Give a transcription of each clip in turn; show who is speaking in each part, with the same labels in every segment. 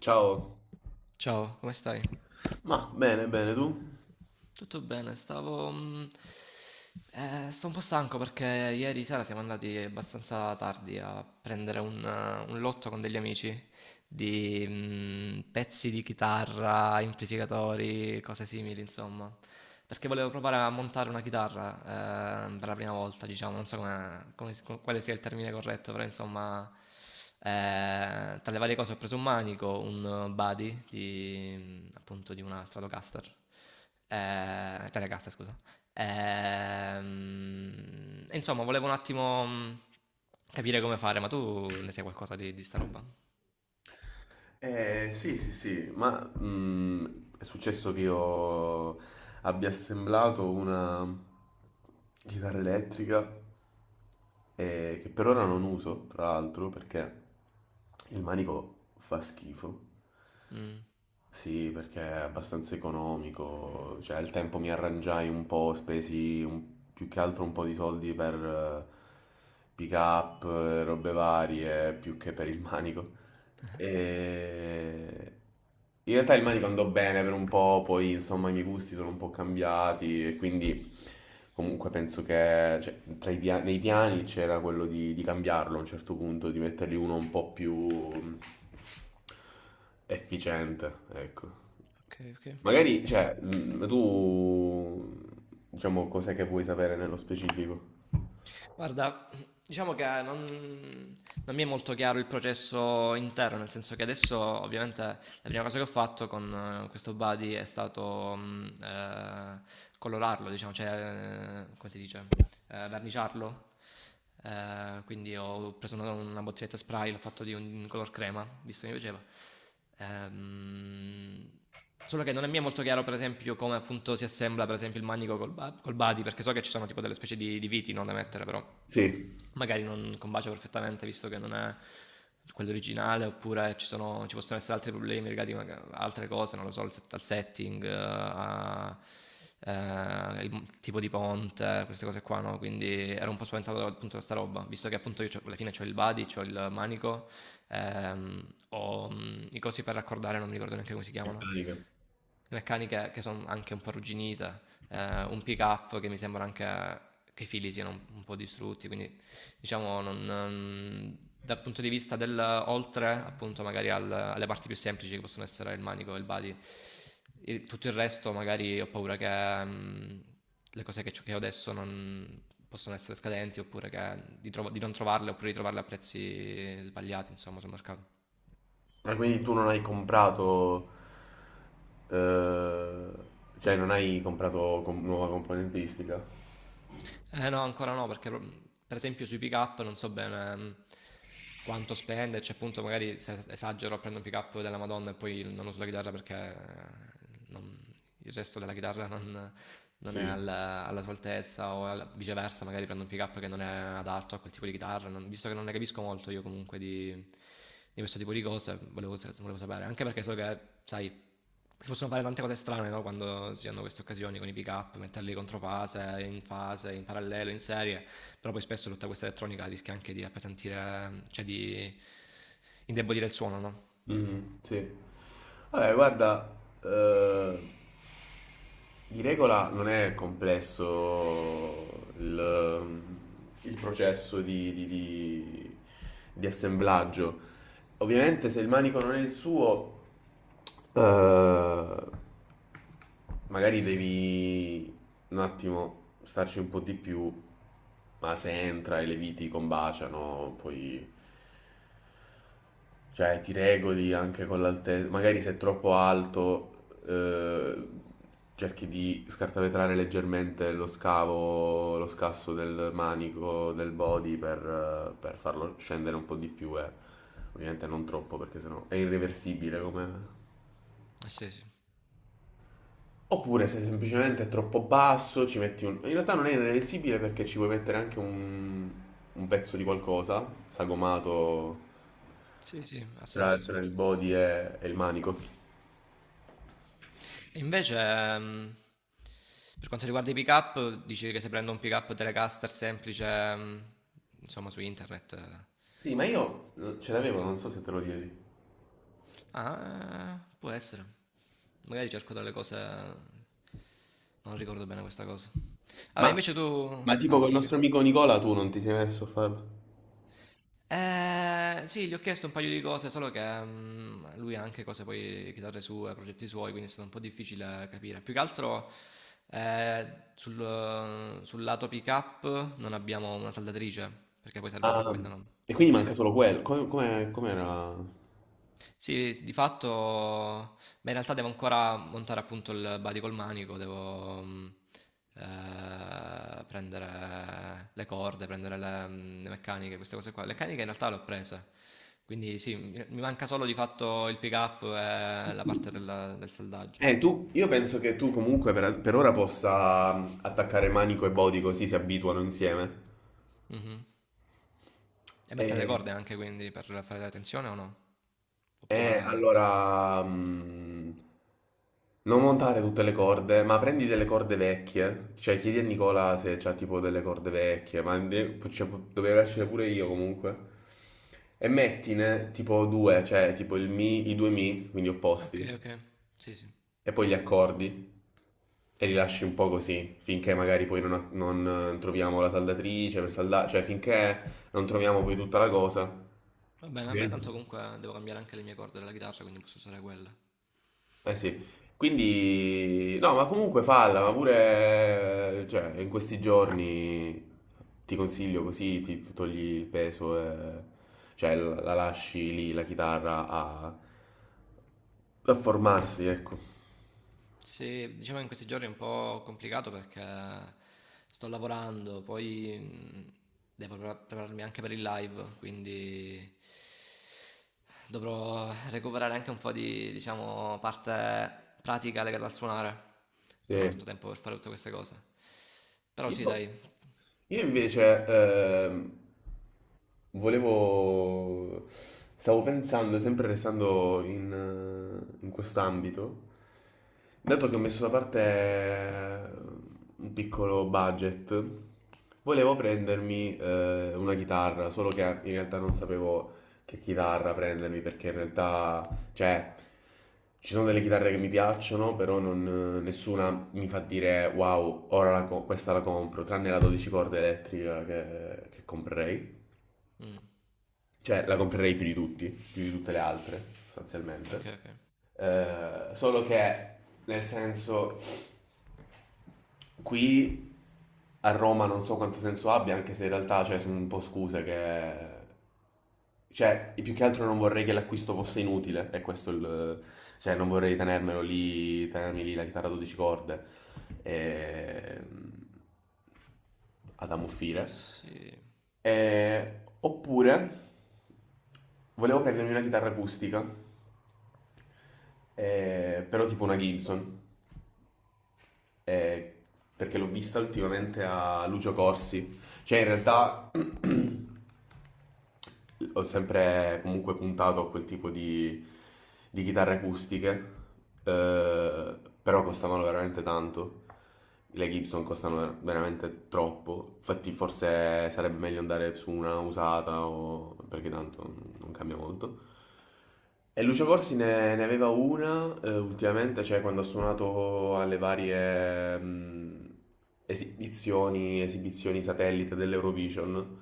Speaker 1: Ciao.
Speaker 2: Ciao, come stai?
Speaker 1: Ma bene, bene, tu?
Speaker 2: Tutto bene, stavo... sto un po' stanco perché ieri sera siamo andati abbastanza tardi a prendere un lotto con degli amici di pezzi di chitarra, amplificatori, cose simili, insomma. Perché volevo provare a montare una chitarra per la prima volta, diciamo, non so quale sia il termine corretto, però insomma, tra le varie cose ho preso un manico, un body di, appunto di una Stratocaster, Telecaster, scusa. E insomma, volevo un attimo capire come fare, ma tu ne sai qualcosa di sta roba?
Speaker 1: Sì, sì, sì, ma è successo che io abbia assemblato una chitarra elettrica che per ora non uso, tra l'altro, perché il manico fa schifo.
Speaker 2: Mm.
Speaker 1: Sì, perché è abbastanza economico, cioè al tempo mi arrangiai un po', spesi un più che altro un po' di soldi per eh, pick up, robe varie, più che per il manico. E... In realtà il manico andò bene per un po', poi insomma i miei gusti sono un po' cambiati e quindi comunque penso che cioè, nei piani c'era quello di cambiarlo a un certo punto, di mettergli uno un po' più mm, efficiente, ecco.
Speaker 2: Ok, ok.
Speaker 1: Magari, cioè, tu, diciamo, cos'è che vuoi sapere nello specifico?
Speaker 2: Guarda, diciamo che non mi è molto chiaro il processo intero, nel senso che adesso ovviamente la prima cosa che ho fatto con questo buddy è stato colorarlo, diciamo, cioè, come si dice? Verniciarlo. Quindi ho preso una bottiglietta spray, l'ho fatto di un color crema, visto che mi piaceva. Ehm, Solo che non è mi è molto chiaro, per esempio, come appunto si assembla per esempio il manico col body, perché so che ci sono tipo delle specie di viti no, da mettere, però
Speaker 1: Sì,
Speaker 2: magari non combacia perfettamente visto che non è quello originale oppure ci possono essere altri problemi legati a altre cose, non lo so, al setting, il tipo di ponte, queste cose qua, no? Quindi ero un po' spaventato da, appunto da sta roba, visto che appunto io alla fine ho il body, ho il manico, ho i cosi per raccordare, non mi ricordo neanche come si chiamano,
Speaker 1: meccanica.
Speaker 2: le meccaniche che sono anche un po' arrugginite, un pick up che mi sembra anche che i fili siano un po' distrutti, quindi diciamo dal punto di vista del oltre appunto magari alle parti più semplici che possono essere il manico e il body, tutto il resto magari ho paura che le cose che ho adesso non possono essere scadenti oppure che di non trovarle oppure di trovarle a prezzi sbagliati insomma sul mercato.
Speaker 1: Ma quindi tu non hai comprato, eh, cioè, non hai comprato com- nuova componentistica?
Speaker 2: Eh no, ancora no, perché per esempio sui pick up non so bene quanto spenderci, appunto magari se esagero prendo un pick up della Madonna e poi non uso la chitarra perché il resto della chitarra non è
Speaker 1: Sì.
Speaker 2: alla sua altezza o viceversa, magari prendo un pick up che non è adatto a quel tipo di chitarra, visto che non ne capisco molto io comunque di questo tipo di cose, volevo sapere, anche perché so che, sai si possono fare tante cose strane no? Quando si hanno queste occasioni con i pick up, metterli contro fase, in fase, in parallelo, in serie, però poi spesso tutta questa elettronica rischia anche di appesantire, cioè di indebolire il suono, no?
Speaker 1: Mhm, sì. Vabbè, guarda, eh, di regola non è complesso il, il processo di assemblaggio. Ovviamente se il manico non è il suo, eh, magari devi un attimo starci un po' di più, ma se entra e le viti combaciano, poi cioè, ti regoli anche con l'altezza. Magari se è troppo alto, cerchi di scartavetrare leggermente lo scavo, lo scasso del manico, del body per farlo scendere un po' di più. Ovviamente non troppo, perché sennò è irreversibile come.
Speaker 2: Eh sì, sì,
Speaker 1: Oppure se semplicemente è troppo basso, In realtà non è irreversibile perché ci puoi mettere anche un pezzo di qualcosa sagomato
Speaker 2: sì, sì, ha
Speaker 1: tra,
Speaker 2: senso, sì.
Speaker 1: tra il body e il manico.
Speaker 2: E invece, per quanto riguarda i pick up, dici che se prendo un pick up Telecaster semplice, insomma, su internet,
Speaker 1: Sì, ma io ce l'avevo, non so se te lo chiedi.
Speaker 2: Ah, può essere. Magari cerco delle cose... Non ricordo bene questa cosa. Vabbè,
Speaker 1: Ma,
Speaker 2: invece tu...
Speaker 1: ma tipo
Speaker 2: Ah,
Speaker 1: col
Speaker 2: dici?
Speaker 1: nostro amico Nicola tu non ti sei messo a farlo?
Speaker 2: Sì, gli ho chiesto un paio di cose, solo che lui ha anche cose poi, chitarre sue, progetti suoi, quindi è stato un po' difficile capire. Più che altro eh, sul lato pick-up non abbiamo una saldatrice, perché poi serve anche
Speaker 1: Ah,
Speaker 2: quella, no?
Speaker 1: e quindi manca solo quello. Com'era?
Speaker 2: Sì, di fatto, ma in realtà devo ancora montare appunto il body col manico, devo prendere le corde, prendere le meccaniche, queste cose qua. Le meccaniche in realtà le ho prese, quindi sì, mi manca solo di fatto il pick up e la parte del saldaggio.
Speaker 1: Io penso che tu comunque per ora possa attaccare manico e body così si abituano insieme.
Speaker 2: Mhm. E mettere le
Speaker 1: E-
Speaker 2: corde anche quindi per fare la tensione o no? O prima...
Speaker 1: Allora, non montare tutte le corde, ma prendi delle corde vecchie, cioè chiedi a Nicola se c'ha tipo delle corde vecchie, cioè, dovevo escere pure io comunque, e mettine tipo due, cioè tipo il mi, i due mi, quindi
Speaker 2: Ok,
Speaker 1: opposti,
Speaker 2: ok, sì, sì.
Speaker 1: e poi gli accordi, e li lasci un po' così, finché magari poi non troviamo la saldatrice per saldare, cioè finché non troviamo poi tutta la cosa.
Speaker 2: Va bene, tanto
Speaker 1: Ovviamente.
Speaker 2: comunque devo cambiare anche le mie corde della chitarra, quindi posso usare quelle.
Speaker 1: Eh sì, quindi no, ma comunque falla, ma pure cioè, in questi giorni ti consiglio così, ti togli il peso, e- cioè la lasci lì la chitarra a, a formarsi, ecco.
Speaker 2: Sì, diciamo che in questi giorni è un po' complicato perché sto lavorando, poi devo prepararmi anche per il live, quindi dovrò recuperare anche un po' di, diciamo, parte pratica legata al suonare. Non ho tanto
Speaker 1: Sì.
Speaker 2: tempo per fare tutte queste cose. Però sì,
Speaker 1: Io,
Speaker 2: dai.
Speaker 1: io invece volevo... Stavo pensando, sempre restando in, in quest'ambito, dato che ho messo da parte un piccolo budget, volevo prendermi una chitarra, solo che in realtà non sapevo che chitarra prendermi, perché in realtà, cioè, ci sono delle chitarre che mi piacciono, però nessuna mi fa dire wow, ora questa la compro, tranne la 12 corde elettrica che comprerei.
Speaker 2: Mm,
Speaker 1: Cioè, la comprerei più di tutti, più di tutte le altre,
Speaker 2: ok,
Speaker 1: sostanzialmente.
Speaker 2: ok.
Speaker 1: Solo che, nel senso, qui a Roma non so quanto senso abbia, anche se in realtà, cioè, sono un po' scuse che... Cioè, più che altro non vorrei che l'acquisto fosse inutile, e questo è il... Cioè, non vorrei tenermelo lì, tenermi lì la chitarra a 12 corde e... ad ammuffire.
Speaker 2: Sì.
Speaker 1: Oppure volevo prendermi una chitarra acustica, però tipo una Gibson eh, perché l'ho vista ultimamente a Lucio Corsi. Cioè, in
Speaker 2: mm,
Speaker 1: realtà ho sempre comunque puntato a quel tipo di chitarre acustiche, eh, però costavano veramente tanto. Le Gibson costano veramente troppo. Infatti, forse sarebbe meglio andare su una usata o- perché tanto non cambia molto. E Lucio Corsi ne aveva una ultimamente, cioè quando ha suonato alle varie esibizioni, esibizioni satellite dell'Eurovision.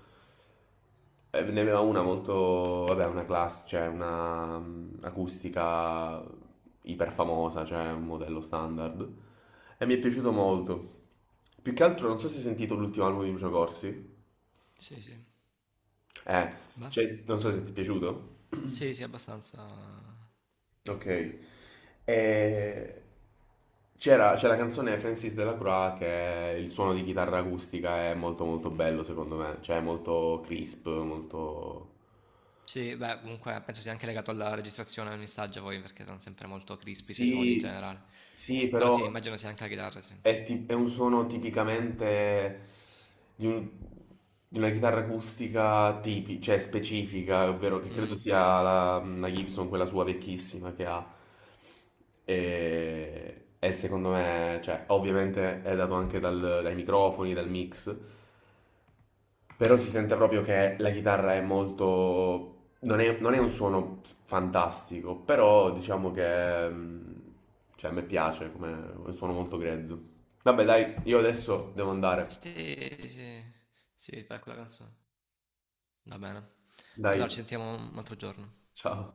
Speaker 1: Ne aveva una molto, vabbè, una class, cioè una acustica iperfamosa, cioè un modello standard. E mi è piaciuto molto. Più che altro, non so se hai sentito l'ultimo album di Lucio Corsi.
Speaker 2: Sì, sì.
Speaker 1: Eh,
Speaker 2: Beh,
Speaker 1: cioè, non so se ti è piaciuto.
Speaker 2: sì, sì, abbastanza.
Speaker 1: Ok. E c'è la canzone Francis Delacroix che è- il suono di chitarra acustica è molto molto bello secondo me, cioè è molto crisp, molto...
Speaker 2: Sì, beh, comunque penso sia anche legato alla registrazione del messaggio poi, perché sono sempre molto crispy sui suoni in
Speaker 1: Sì,
Speaker 2: generale.
Speaker 1: sì,
Speaker 2: Però
Speaker 1: però...
Speaker 2: sì, immagino sia anche la chitarra, sì.
Speaker 1: È, è un suono tipicamente di, un- di una chitarra acustica cioè specifica, ovvero che credo
Speaker 2: Mm.
Speaker 1: sia la Gibson, quella sua vecchissima che ha. E secondo me, cioè, ovviamente è dato anche dai microfoni, dal mix, però si sente proprio che la chitarra è molto... non è un suono fantastico, però diciamo che... cioè, a me piace come è un suono molto grezzo. Vabbè, dai, io adesso devo andare.
Speaker 2: Sì, sì, sì, per quella canzone. Va bene.
Speaker 1: Dai,
Speaker 2: Allora ci sentiamo un altro giorno.
Speaker 1: ciao.